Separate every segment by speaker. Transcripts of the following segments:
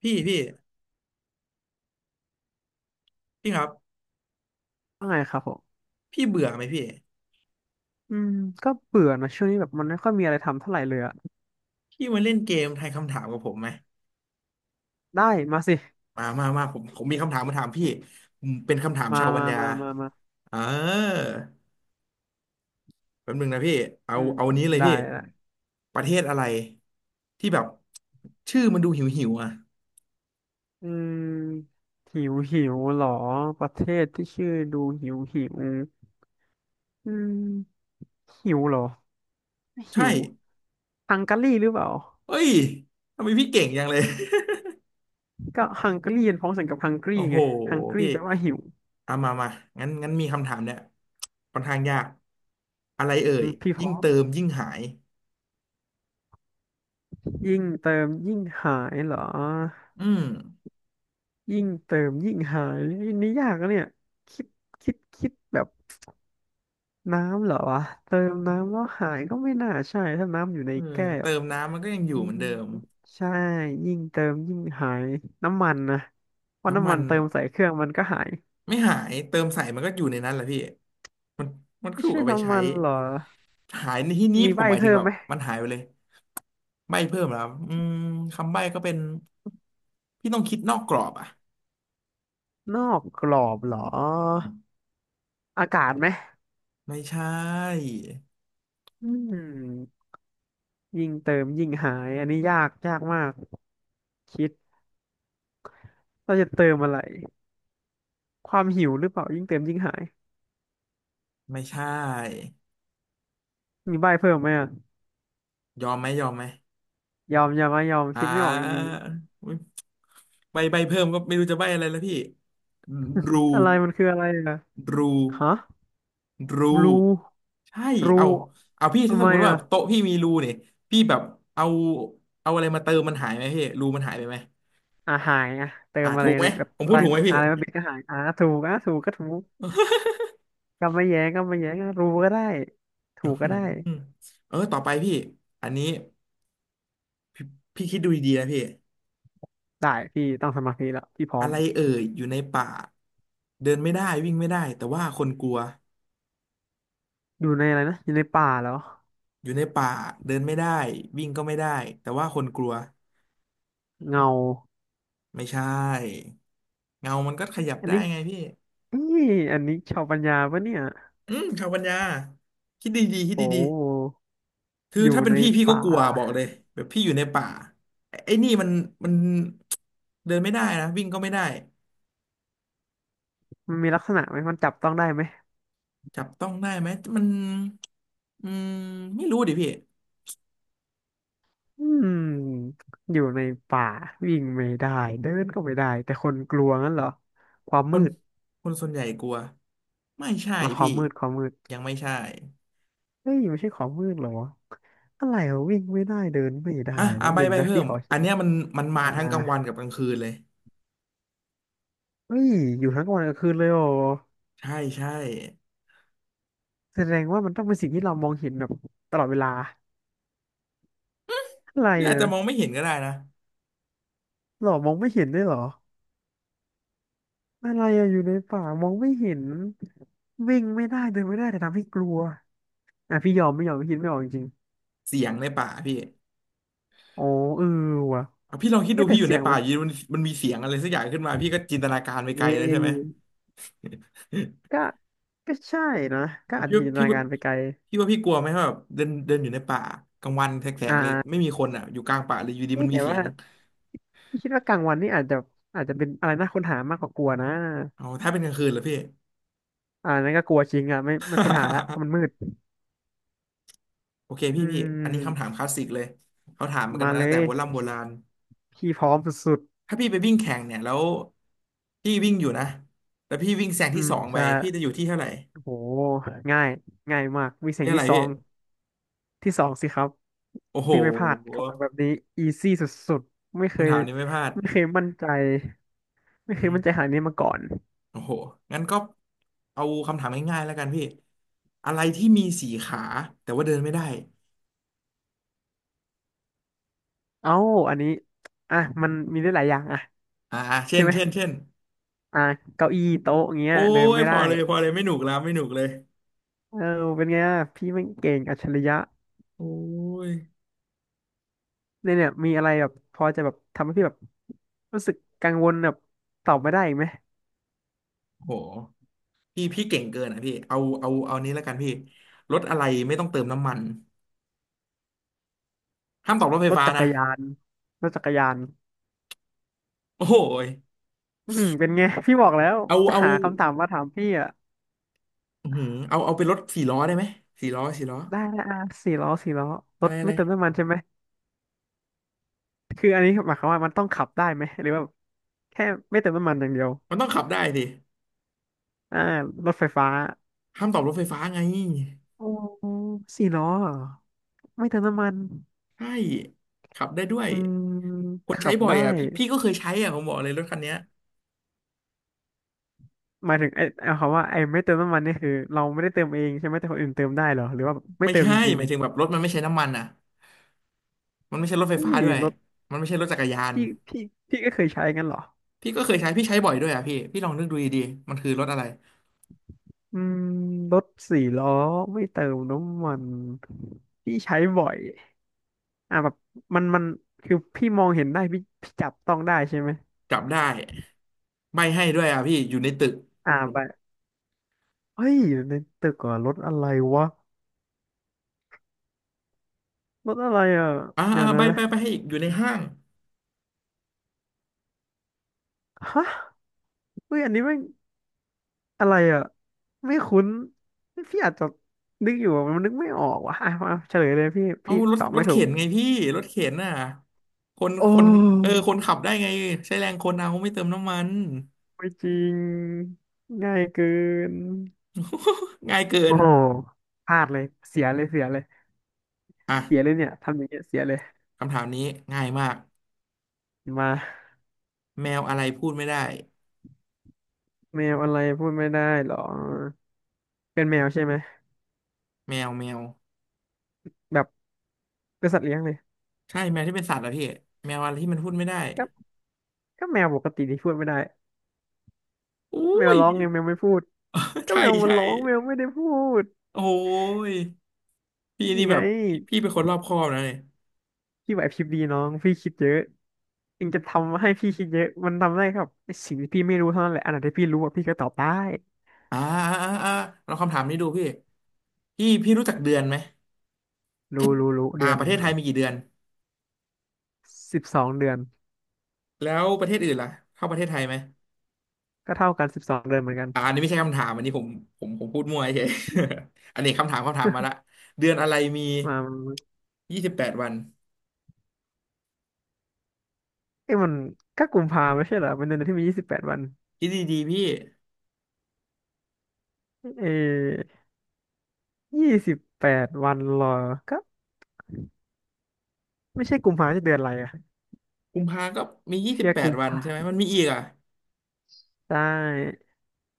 Speaker 1: พี่พี่พี่ครับ
Speaker 2: ว่าไงครับผม
Speaker 1: พี่เบื่อไหมพี่
Speaker 2: อืมก็เบื่อนะช่วงนี้แบบมันไม่ค่อยมีอะไรทำเท่าไหร่เลยอะ
Speaker 1: พี่มาเล่นเกมทายคำถามกับผมไหม
Speaker 2: ได้มาสิ
Speaker 1: มามามาผมมีคำถามมาถามพี่ผมเป็นคำถาม
Speaker 2: มา
Speaker 1: ชาวปัญ
Speaker 2: มา
Speaker 1: ญา
Speaker 2: มามามา
Speaker 1: เออแป๊บนึงนะพี่เอา
Speaker 2: อืม
Speaker 1: เอาอันนี้เลย
Speaker 2: ได้
Speaker 1: พี่
Speaker 2: ละ
Speaker 1: ประเทศอะไรที่แบบชื่อมันดูหิวหิวอ่ะ
Speaker 2: อืมหิวหิวเหรอประเทศที่ชื่อดูหิวหิวอืมหิวเหรอหิ
Speaker 1: ใช่
Speaker 2: วฮังการีหรือเปล่า
Speaker 1: เอ้ยทำไมพี่เก่งจังเลย
Speaker 2: ก็ฮังการีเป็นพ้องเสียงกับฮังก รี
Speaker 1: โอ้โห
Speaker 2: ไงฮังกรี
Speaker 1: พี่
Speaker 2: แปลว่าหิว
Speaker 1: เอามามางั้นงั้นมีคำถามเนี่ยค่อนข้างยากอะไรเอ่
Speaker 2: อื
Speaker 1: ย
Speaker 2: มพี่พ
Speaker 1: ยิ่ง
Speaker 2: ร้อม
Speaker 1: เติมยิ่งหาย
Speaker 2: ยิ่งเติมยิ่งหายเหรอ
Speaker 1: อืม
Speaker 2: ยิ่งเติมยิ่งหายอันนี่ยากนะเนี่ยคิดคิดแบบ น้ำเหรอวะเติมน้ำแล้วหายก็ไม่น่าใช่ถ้าน้ำอยู่ใน
Speaker 1: เออ
Speaker 2: แก้ว
Speaker 1: เติมน้ำมันก็ยังอยู่
Speaker 2: อื
Speaker 1: เหมือน
Speaker 2: ม
Speaker 1: เดิม
Speaker 2: ใช่ยิ่งเติมยิ่งหายน้ำมันนะเพราะ
Speaker 1: น้ำ
Speaker 2: น้ำ
Speaker 1: มั
Speaker 2: มั
Speaker 1: น
Speaker 2: นเติมใส่เครื่องมันก็หาย
Speaker 1: ไม่หายเติมใส่มันก็อยู่ในนั้นแหละพี่มันมัน
Speaker 2: ไม่
Speaker 1: ถูก
Speaker 2: ใช่
Speaker 1: เอาไป
Speaker 2: น้ำ
Speaker 1: ใช้
Speaker 2: มันเหรอ
Speaker 1: หายในที่นี้
Speaker 2: มี
Speaker 1: ผ
Speaker 2: ใบ
Speaker 1: มหมายถึง
Speaker 2: เพิ่ม
Speaker 1: แบบ
Speaker 2: ไหม
Speaker 1: มันหายไปเลยใบ้เพิ่มแล้วอืมคำใบ้ก็เป็นพี่ต้องคิดนอกกรอบอ่ะ
Speaker 2: นอกกรอบเหรออากาศไหม
Speaker 1: ไม่ใช่
Speaker 2: อืมยิ่งเติมยิ่งหายอันนี้ยากยากมากคิดเราจะเติมอะไรความหิวหรือเปล่ายิ่งเติมยิ่งหาย
Speaker 1: ไม่ใช่
Speaker 2: มีใบเพิ่มไหมอะ
Speaker 1: ยอมไหมยอมไหม
Speaker 2: ยอมยอมไหมยอม
Speaker 1: อ่า
Speaker 2: คิดไม่ออกจริง
Speaker 1: อุ๊ยใบเพิ่มก็ไม่รู้จะใบอะไรแล้วพี่รู
Speaker 2: ๆอะไรมันคืออะไรอะ
Speaker 1: รู
Speaker 2: ฮะ
Speaker 1: รู
Speaker 2: บลู
Speaker 1: ใช่
Speaker 2: รู
Speaker 1: เอาพี่
Speaker 2: ทำ
Speaker 1: ถ้าส
Speaker 2: ไม
Speaker 1: มมติว่า
Speaker 2: อ่ะ
Speaker 1: แบบโต๊ะพี่มีรูเนี่ยพี่แบบเอาอะไรมาเติมมันหายไหมพี่รูมันหายไปไหม
Speaker 2: อ่ะหายอ่ะเติ
Speaker 1: อ่า
Speaker 2: มอะไร
Speaker 1: ถูกไหม
Speaker 2: เนี่ยแบบ
Speaker 1: ผมพู
Speaker 2: อะ
Speaker 1: ด
Speaker 2: ไร
Speaker 1: ถูกไหม
Speaker 2: มา
Speaker 1: พี่
Speaker 2: อะไรมาบิดก็หายอ่ะถูกอ่ะถูกก็ถูกก็ไม่แย้งอ่ะรูก็ได้ถู
Speaker 1: อื
Speaker 2: กก็
Speaker 1: ม
Speaker 2: ได้
Speaker 1: เออต่อไปพี่อันนี้พี่คิดดูดีๆนะพี่
Speaker 2: ได้พี่ต้องสมาธิแล้วพี่พร้อ
Speaker 1: อะ
Speaker 2: ม
Speaker 1: ไรเอ่ยอยู่ในป่าเดินไม่ได้วิ่งไม่ได้แต่ว่าคนกลัว
Speaker 2: อยู่ในอะไรนะอยู่ในป่าแล้ว
Speaker 1: อยู่ในป่าเดินไม่ได้วิ่งก็ไม่ได้แต่ว่าคนกลัว
Speaker 2: เงา
Speaker 1: ไม่ใช่เงามันก็ขยับ
Speaker 2: อัน
Speaker 1: ได้
Speaker 2: นี้
Speaker 1: ไงพี่
Speaker 2: นี่อันนี้ชาวปัญญาปะเนี่ย
Speaker 1: อืมชาวปัญญาคิดดีๆคิด
Speaker 2: โอ
Speaker 1: ดี
Speaker 2: ้
Speaker 1: คือ
Speaker 2: อยู่
Speaker 1: ถ้าเป็น
Speaker 2: ใน
Speaker 1: พี่พี่ก็
Speaker 2: ป่า
Speaker 1: กลัวบอกเลยแบบพี่อยู่ในป่าไอ้นี่มันเดินไม่ได้นะวิ่งก็ไม่ได้
Speaker 2: มันมีลักษณะไหมมันจับต้องได้ไหม
Speaker 1: จับต้องได้ไหมมันอืมไม่รู้ดิพี่
Speaker 2: อืมอยู่ในป่าวิ่งไม่ได้เดินก็ไม่ได้แต่คนกลัวงั้นเหรอความ
Speaker 1: ค
Speaker 2: มื
Speaker 1: น
Speaker 2: ด
Speaker 1: คนส่วนใหญ่กลัวไม่ใช่
Speaker 2: อ๋อควา
Speaker 1: พี่
Speaker 2: มมืดความมืด
Speaker 1: ยังไม่ใช่
Speaker 2: เฮ้ยไม่ใช่ความมืดเหรออะไรวะวิ่งไม่ได้เดินไม่ได้
Speaker 1: อ่ะอ่ะ
Speaker 2: แป๊บ
Speaker 1: ใบ
Speaker 2: หนึ่ง
Speaker 1: ใบ
Speaker 2: นะ
Speaker 1: เพิ่
Speaker 2: พี่
Speaker 1: ม
Speaker 2: ขอ
Speaker 1: อั
Speaker 2: คิ
Speaker 1: น
Speaker 2: ด
Speaker 1: เนี้ยมันมา
Speaker 2: อ่า
Speaker 1: ทั้งกลางวันกับกลางคืนเลย
Speaker 2: เฮ้ยอยู่ทั้งกลางวันกลางคืนเลยโอ
Speaker 1: ใช่ใช่
Speaker 2: แสดงว่ามันต้องเป็นสิ่งที่เรามองเห็นแบบตลอดเวลาอะไร
Speaker 1: พี่อาจ
Speaker 2: อะ
Speaker 1: จะมองไม่เห็นก็ได้นะ
Speaker 2: หรอมองไม่เห็นด้วยเหรออะไรอะอยู่ในป่ามองไม่เห็นวิ่งไม่ได้เดินไม่ได้แต่ทำให้กลัวอ่ะพี่ยอมไม่ยอมพี่คิดไม่ออกจริง
Speaker 1: เสียงในป่าพี่
Speaker 2: ๆอ๋อเออว่ะ
Speaker 1: อ่ะพี่ลองคิดดู
Speaker 2: เอ๊ะแต่
Speaker 1: พี่อยู่
Speaker 2: เสี
Speaker 1: ใน
Speaker 2: ยง
Speaker 1: ป่า
Speaker 2: มัน
Speaker 1: อยู่ดีมันมีเสียงอะไรสักอย่างขึ้นมาพี่ก็จินตนาการไปไก
Speaker 2: นี่
Speaker 1: ลแล้วใช่ไหม
Speaker 2: ก็ใช่นะก็อาจ
Speaker 1: พี่
Speaker 2: จะจิ
Speaker 1: ว่า
Speaker 2: นต
Speaker 1: พี่
Speaker 2: นา
Speaker 1: ว่า
Speaker 2: การไปไกล
Speaker 1: พี่ว่าพี่กลัวไหมว่าแบบเดินเดินอยู่ในป่ากลางวันแส
Speaker 2: อ่
Speaker 1: กๆเลยไม่
Speaker 2: า
Speaker 1: มีคนอ่ะอยู่กลางป่าเลยอยู่ดี
Speaker 2: นี่
Speaker 1: มันมี
Speaker 2: แต่
Speaker 1: เสีย
Speaker 2: ว่า
Speaker 1: ง
Speaker 2: พี่คิดว่ากลางวันนี่อาจจะเป็นอะไรน่าค้นหามากกว่ากลัวนะ
Speaker 1: เอาถ้าเป็นกลางคืนเหรอพี่
Speaker 2: อ่านั่นก็กลัวจริงอ่ะไม่ไม่ค้นหาละเพราะ มันมืด
Speaker 1: โอเค
Speaker 2: อื
Speaker 1: พี่พี่อันนี้คำถา
Speaker 2: ม
Speaker 1: มคลาสสิกเลยเขาถามกัน
Speaker 2: มา
Speaker 1: มา
Speaker 2: เล
Speaker 1: ตั้งแต่โบ
Speaker 2: ย
Speaker 1: ราณโบราณ
Speaker 2: พี่พร้อมสุด
Speaker 1: ถ้าพี่ไปวิ่งแข่งเนี่ยแล้วพี่วิ่งอยู่นะแล้วพี่วิ่งแซง
Speaker 2: ๆอื
Speaker 1: ที่
Speaker 2: ม
Speaker 1: สองไป
Speaker 2: ใช่
Speaker 1: พี่จะอยู่ที่เท่าไหร่
Speaker 2: โหง่ายง่ายมากวิ่งเสี
Speaker 1: ที่
Speaker 2: ยง
Speaker 1: เท่าไห
Speaker 2: ที่
Speaker 1: ร่
Speaker 2: สอ
Speaker 1: พี่
Speaker 2: งที่สองสิครับ
Speaker 1: โอ้โห
Speaker 2: พี่ไม่พลาดคำถามแบบนี้อีซี่สุดๆไม่เค
Speaker 1: คำ
Speaker 2: ย
Speaker 1: ถามนี้ไม่พลาด
Speaker 2: ไม่เคยมั่นใจไม่
Speaker 1: อื
Speaker 2: เคย
Speaker 1: ม
Speaker 2: มั่นใจขนาดนี้มาก่อน
Speaker 1: โอ้โหงั้นก็เอาคำถามง่ายๆแล้วกันพี่อะไรที่มีสี่ขาแต่ว่าเดินไม่ได้
Speaker 2: เอ้าอันนี้ อ่ะมันมีได้หลายอย่างอ่ะ
Speaker 1: อ่าเช่
Speaker 2: ใช่
Speaker 1: น
Speaker 2: ไหม
Speaker 1: เช่นเช่น
Speaker 2: อ่ะเก้าอี้โต๊ะอย่างเงี้ย
Speaker 1: โอ้
Speaker 2: เดิน
Speaker 1: ย
Speaker 2: ไม่
Speaker 1: พ
Speaker 2: ได้
Speaker 1: อเลยพอเลยไม่หนุกแล้วไม่หนุกเลย
Speaker 2: เออเป็นไงอะพี่ไม่งเก่งอัจฉริยะ
Speaker 1: โอ้ย
Speaker 2: เนี่ยเนี่ยมีอะไรแบบพอจะแบบทำให้พี่แบบรู้สึกกังวลแบบตอบไม่ได้อีกไหม
Speaker 1: โหพี่พี่เก่งเกินอ่ะพี่เอาเอานี้แล้วกันพี่รถอะไรไม่ต้องเติมน้ำมันห้ามตอบรถไฟ
Speaker 2: รถ
Speaker 1: ฟ้า
Speaker 2: จัก
Speaker 1: นะ
Speaker 2: รยานรถจักรยาน
Speaker 1: โอ้ย
Speaker 2: อืมเป็นไงพี่บอกแล้ว
Speaker 1: เอา
Speaker 2: จะ
Speaker 1: เอา
Speaker 2: หาคำถามมาถามพี่อ่ะ
Speaker 1: อื้อหือเอาเป็นรถสี่ล้อได้ไหมสี่ล้อสี่ล้อ
Speaker 2: ได้นะอ่ะสี่ล้อสี่ล้อร
Speaker 1: อะไร
Speaker 2: ถ
Speaker 1: อะ
Speaker 2: ไม่
Speaker 1: ไร
Speaker 2: เติมน้ำมันใช่ไหมคืออันนี้หมายความว่ามันต้องขับได้ไหมหรือว่าแค่ไม่เติมน้ำมันอย่างเดียว
Speaker 1: มันต้องขับได้สิ
Speaker 2: อ่ารถไฟฟ้า
Speaker 1: ห้ามตอบรถไฟฟ้าไง
Speaker 2: โอ้สี่ล้อเหรอไม่เติมน้ำมัน
Speaker 1: ใช่ขับได้ด้วย
Speaker 2: อืม
Speaker 1: คน
Speaker 2: ขั
Speaker 1: ใช้
Speaker 2: บ
Speaker 1: บ่อย
Speaker 2: ได้
Speaker 1: อ่ะพี่พี่ก็เคยใช้อ่ะผมบอกเลยรถคันเนี้ย
Speaker 2: หมายถึงไอ้เอาคำว่าไอ้ไม่เติมน้ำมันนี่คือเราไม่ได้เติมเองใช่ไหมแต่คนอื่นเติมได้เหรอหรือว่าไม่
Speaker 1: ไม่
Speaker 2: เติม
Speaker 1: ใช่
Speaker 2: จริ
Speaker 1: ห
Speaker 2: ง
Speaker 1: มายถึงแบบรถมันไม่ใช้น้ำมันอ่ะมันไม่ใช่รถไฟ
Speaker 2: ๆ
Speaker 1: ฟ้า
Speaker 2: นี่
Speaker 1: ด้วย
Speaker 2: รถ
Speaker 1: มันไม่ใช่รถจักรยาน
Speaker 2: ที่ที่ที่ก็เคยใช้กันเหรอ
Speaker 1: พี่ก็เคยใช้พี่ใช้บ่อยด้วยอ่ะพี่พี่ลองนึกดูดีๆมันคือรถอะไร
Speaker 2: อืมรถสี่ล้อไม่เติมน้ำมันพี่ใช้บ่อยอ่าแบบมันมันคือพี่มองเห็นได้พี่พี่จับต้องได้ใช่ไหม
Speaker 1: จับได้ใบให้ด้วยอ่ะพี่อยู่ในตึก
Speaker 2: อ่าไปเฮ้ยอยู่ในตึกเหรอรถอะไรวะรถอะไรอ่ะ
Speaker 1: อ่า
Speaker 2: เดี๋ยว
Speaker 1: ใบ
Speaker 2: นะ
Speaker 1: ไปไปให้อีกอยู่ในห้าง
Speaker 2: ฮะ เฮ้ยอันนี้ไม่งอะไรอ่ะไม่คุ้นพี่อาจจะนึกอยู่อะมันนึกไม่ออกว่ะอ่ะมาเฉลยเลยพี่
Speaker 1: เอา
Speaker 2: พี่
Speaker 1: ร
Speaker 2: ต
Speaker 1: ถ
Speaker 2: อบ
Speaker 1: ร
Speaker 2: ไม่
Speaker 1: ถ
Speaker 2: ถู
Speaker 1: เข็
Speaker 2: ก
Speaker 1: นไงพี่รถเข็นน่ะคน
Speaker 2: โอ้
Speaker 1: คนเออคนขับได้ไงใช้แรงคนเอาไม่เติมน้ำมัน
Speaker 2: ไม่จริงง่ายเกิน
Speaker 1: ง่ายเกิ
Speaker 2: โอ้
Speaker 1: น
Speaker 2: โหพลาดเลยเสียเลยเสียเล
Speaker 1: อ่ะ
Speaker 2: ยเนี่ยทำอย่างเงี้ยเสียเลย
Speaker 1: คำถามนี้ง่ายมาก
Speaker 2: มา
Speaker 1: แมวอะไรพูดไม่ได้
Speaker 2: แมวอะไรพูดไม่ได้หรอเป็นแมวใช่ไหม
Speaker 1: แมวแมว
Speaker 2: แบบเป็นสัตว์เลี้ยงเลย
Speaker 1: ใช่แมวที่เป็นสัตว์เหรอพี่แมวอะไรที่มันพูดไม่ได้
Speaker 2: ก็ก็แมวปกติที่พูดไม่ได้
Speaker 1: อุ้
Speaker 2: แมว
Speaker 1: ย
Speaker 2: ร้องไงแมวไม่พูด ก็
Speaker 1: ใช่
Speaker 2: แมวมัน
Speaker 1: ใช่
Speaker 2: ร้องแมวไม่ได้พูด
Speaker 1: โอ้ย พี่
Speaker 2: ยั
Speaker 1: นี่
Speaker 2: ง
Speaker 1: แบ
Speaker 2: ไง
Speaker 1: บพี่พี่เป็นคนรอบคอบนะเนี่ย
Speaker 2: พี่ไหวพริบดีน้องพี่คิดเยอะ ถึงจะทำให้พี่คิดเยอะมันทำได้ครับในสิ่งที่พี่ไม่รู้เท่านั้นแหละอันไหนที่พี่รู้อะพี่ก็ตอบได้
Speaker 1: อ่าอ่าอ่าอ่าลองคำถามนี้ดูพี่พี่พี่รู้จักเดือนไหม
Speaker 2: รู้รู้
Speaker 1: อ่า
Speaker 2: เดือน
Speaker 1: ประเทศไทยมีกี่เดือน
Speaker 2: สิบสองเดือน
Speaker 1: แล้วประเทศอื่นล่ะเข้าประเทศไทยไหม
Speaker 2: ก็เท่ากัน12 เดือนเหมือนกัน
Speaker 1: อ่าอันนี้ไม่ใช่คำถามอันนี้ผมผมพูดมั่วเฉย อันนี้คำถามคำถามมาละเดือนอะไรมี
Speaker 2: มา
Speaker 1: ยี่สิบแปดวัน
Speaker 2: เอ้ยมันก็กุมภาไม่ใช่เหรอเป็นเดือนที่มียี่สิบแปดวัน
Speaker 1: คิดดีๆพี่
Speaker 2: เอ28 วันเหรอก็ไม่ใช่กุมภาจะเดือนอะไรอะ
Speaker 1: กุมภาก็มียี่สิ
Speaker 2: เพี
Speaker 1: บ
Speaker 2: ย
Speaker 1: แปด
Speaker 2: กุม
Speaker 1: วัน
Speaker 2: ภา
Speaker 1: ใช่ไหมมันมีอีกอ่ะ
Speaker 2: ได้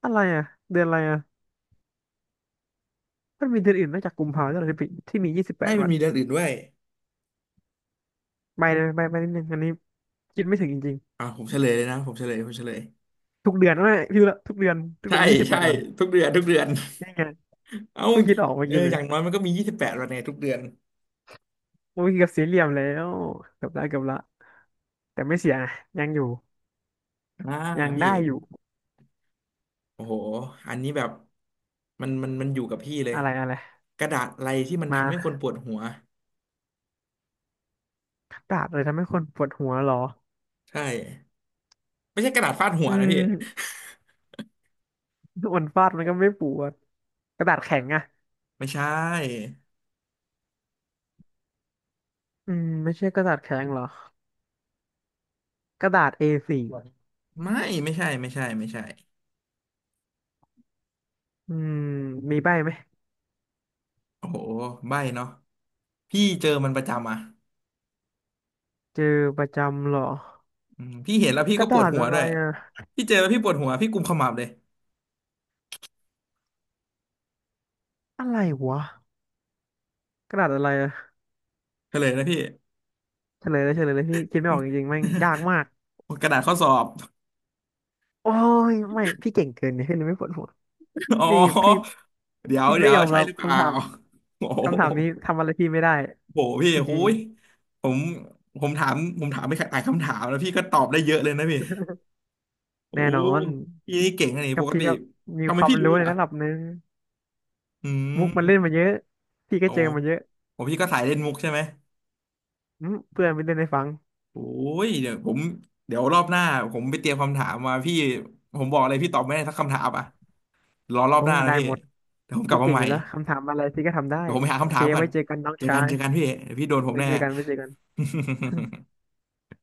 Speaker 2: อะไรอะเดือนอะไรอะมันมีเดือนอื่นนอกจากกุมภาด้วยเหรอที่มีที่มียี่สิบแป
Speaker 1: ให้
Speaker 2: ด
Speaker 1: มัน
Speaker 2: วัน
Speaker 1: มีเดือนอื่นด้วย
Speaker 2: ไปเลยไปไปนิดนึงอันนี้คิดไม่ถึงจริง
Speaker 1: อ่าผมเฉลยเลยนะผมเฉลยผมเฉลย
Speaker 2: ๆทุกเดือนไม่พี่รู้ละทุกเดือนทุก
Speaker 1: ใช่
Speaker 2: เดือนมียี่สิบแป
Speaker 1: ใช่
Speaker 2: ดวัน
Speaker 1: ทุกเดือนทุกเดือน
Speaker 2: นี่ไง
Speaker 1: เอ้า
Speaker 2: เพิ่งคิดออกเมื่อ
Speaker 1: เออ
Speaker 2: กี้เล
Speaker 1: อ
Speaker 2: ย
Speaker 1: ย่างน้อยมันก็มียี่สิบแปดวันในทุกเดือน
Speaker 2: เมื่อกี้กับสี่เหลี่ยมแล้วเกือบละแต่ไม่เสียนะยังอยู่
Speaker 1: อ่า
Speaker 2: ยัง
Speaker 1: พี่
Speaker 2: ได้อยู่
Speaker 1: โอ้โหอันนี้แบบมันอยู่กับพี่เลย
Speaker 2: อะไรอะไร
Speaker 1: กระดาษอะไรที่มันทำให้ค
Speaker 2: มา
Speaker 1: นปวดหัว
Speaker 2: กระดาษเลยทำให้คนปวดหัวเหรอ
Speaker 1: ใช่ไม่ใช่กระดาษฟาดหัว
Speaker 2: อื
Speaker 1: นะพี่
Speaker 2: มมันฟาดมันก็ไม่ปวดกระดาษแข็งอะ
Speaker 1: ไม่ใช่
Speaker 2: อืมไม่ใช่กระดาษแข็งเหรอกระดาษ A4 อสี่
Speaker 1: ไม่ไม่ใช่ไม่ใช่ไม่ใช่
Speaker 2: อืมมีใบไหม
Speaker 1: โอ้โหใบ้เนาะพี่เจอมันประจำอ่ะ
Speaker 2: เจอประจำเหรอ
Speaker 1: อืมพี่เห็นแล้วพี่
Speaker 2: ก
Speaker 1: ก็
Speaker 2: ระ
Speaker 1: ปว
Speaker 2: ดา
Speaker 1: ด
Speaker 2: ษ
Speaker 1: หัว
Speaker 2: อะ
Speaker 1: ด้
Speaker 2: ไร
Speaker 1: วย
Speaker 2: อะ
Speaker 1: พี่เจอแล้วพี่ปวดหัวพี่กุมขมับเลย
Speaker 2: อะไรวะกระดาษอะไรอะ
Speaker 1: เฉลยนะพี่
Speaker 2: เฉลยเลยพี่คิดไม่ออกจริงๆแม่งยากมาก
Speaker 1: กระดาษข้อสอบ
Speaker 2: โอ้ยไม่พี่เก่งเกินเนี่ยพี่เลยไม่ปวดหัว
Speaker 1: อ๋อ
Speaker 2: นี่พี่
Speaker 1: เดี๋ยว
Speaker 2: พี่ไม่
Speaker 1: เดี๋ยว
Speaker 2: ยอม
Speaker 1: ใช่
Speaker 2: รับ
Speaker 1: หรือเป
Speaker 2: คำ
Speaker 1: ล่า
Speaker 2: ถาม
Speaker 1: โอ้โห
Speaker 2: คำถามนี้ทำอะไรพี่ไม่ได้
Speaker 1: โหพี่
Speaker 2: จ
Speaker 1: โอ้
Speaker 2: ริง
Speaker 1: ยผมผมถามผมถามไปหลายคำถามแล้วพี่ก็ตอบได้เยอะเลยนะพี่
Speaker 2: ๆ
Speaker 1: โอ้
Speaker 2: แน่นอน
Speaker 1: พี่นี่เก่งนะนี่ป
Speaker 2: กับ
Speaker 1: ก
Speaker 2: พี่
Speaker 1: ติ
Speaker 2: ก็มี
Speaker 1: ทำไม
Speaker 2: ความ
Speaker 1: พี่รู้
Speaker 2: รู้ใน
Speaker 1: อ่ะ
Speaker 2: ระดับหนึ่ง
Speaker 1: อื
Speaker 2: มุกมัน
Speaker 1: ม
Speaker 2: เล่นมาเยอะพี่ก็
Speaker 1: โอ้
Speaker 2: เจอมาเยอะ
Speaker 1: โอ้พี่ก็สายเล่นมุกใช่ไหม
Speaker 2: อืมเพื่อนไม่เล่นให้ฟัง
Speaker 1: โอ้ยเดี๋ยวผมเดี๋ยวรอบหน้าผมไปเตรียมคำถามมาพี่ผมบอกเลยพี่ตอบไม่ได้สักคำถามอ่ะรอรอบ
Speaker 2: โอ้
Speaker 1: หน้านะ
Speaker 2: ได้
Speaker 1: พี่
Speaker 2: หมด
Speaker 1: เดี๋ยวผมกลั
Speaker 2: พี่
Speaker 1: บมา
Speaker 2: เก่ง
Speaker 1: ให
Speaker 2: อ
Speaker 1: ม่
Speaker 2: ยู่แล้วคำถามอะไรพี่ก็ทำได้
Speaker 1: เดี๋ยวผมไปหา
Speaker 2: โอ
Speaker 1: คำ
Speaker 2: เค
Speaker 1: ถามก่อ
Speaker 2: ไว้
Speaker 1: น
Speaker 2: เจอกันน้อง
Speaker 1: เจอ
Speaker 2: ชา
Speaker 1: กัน
Speaker 2: ย
Speaker 1: เจอกันพี่เดี๋ยวพี่โดนผม
Speaker 2: ไว้
Speaker 1: แน่
Speaker 2: เจอกันน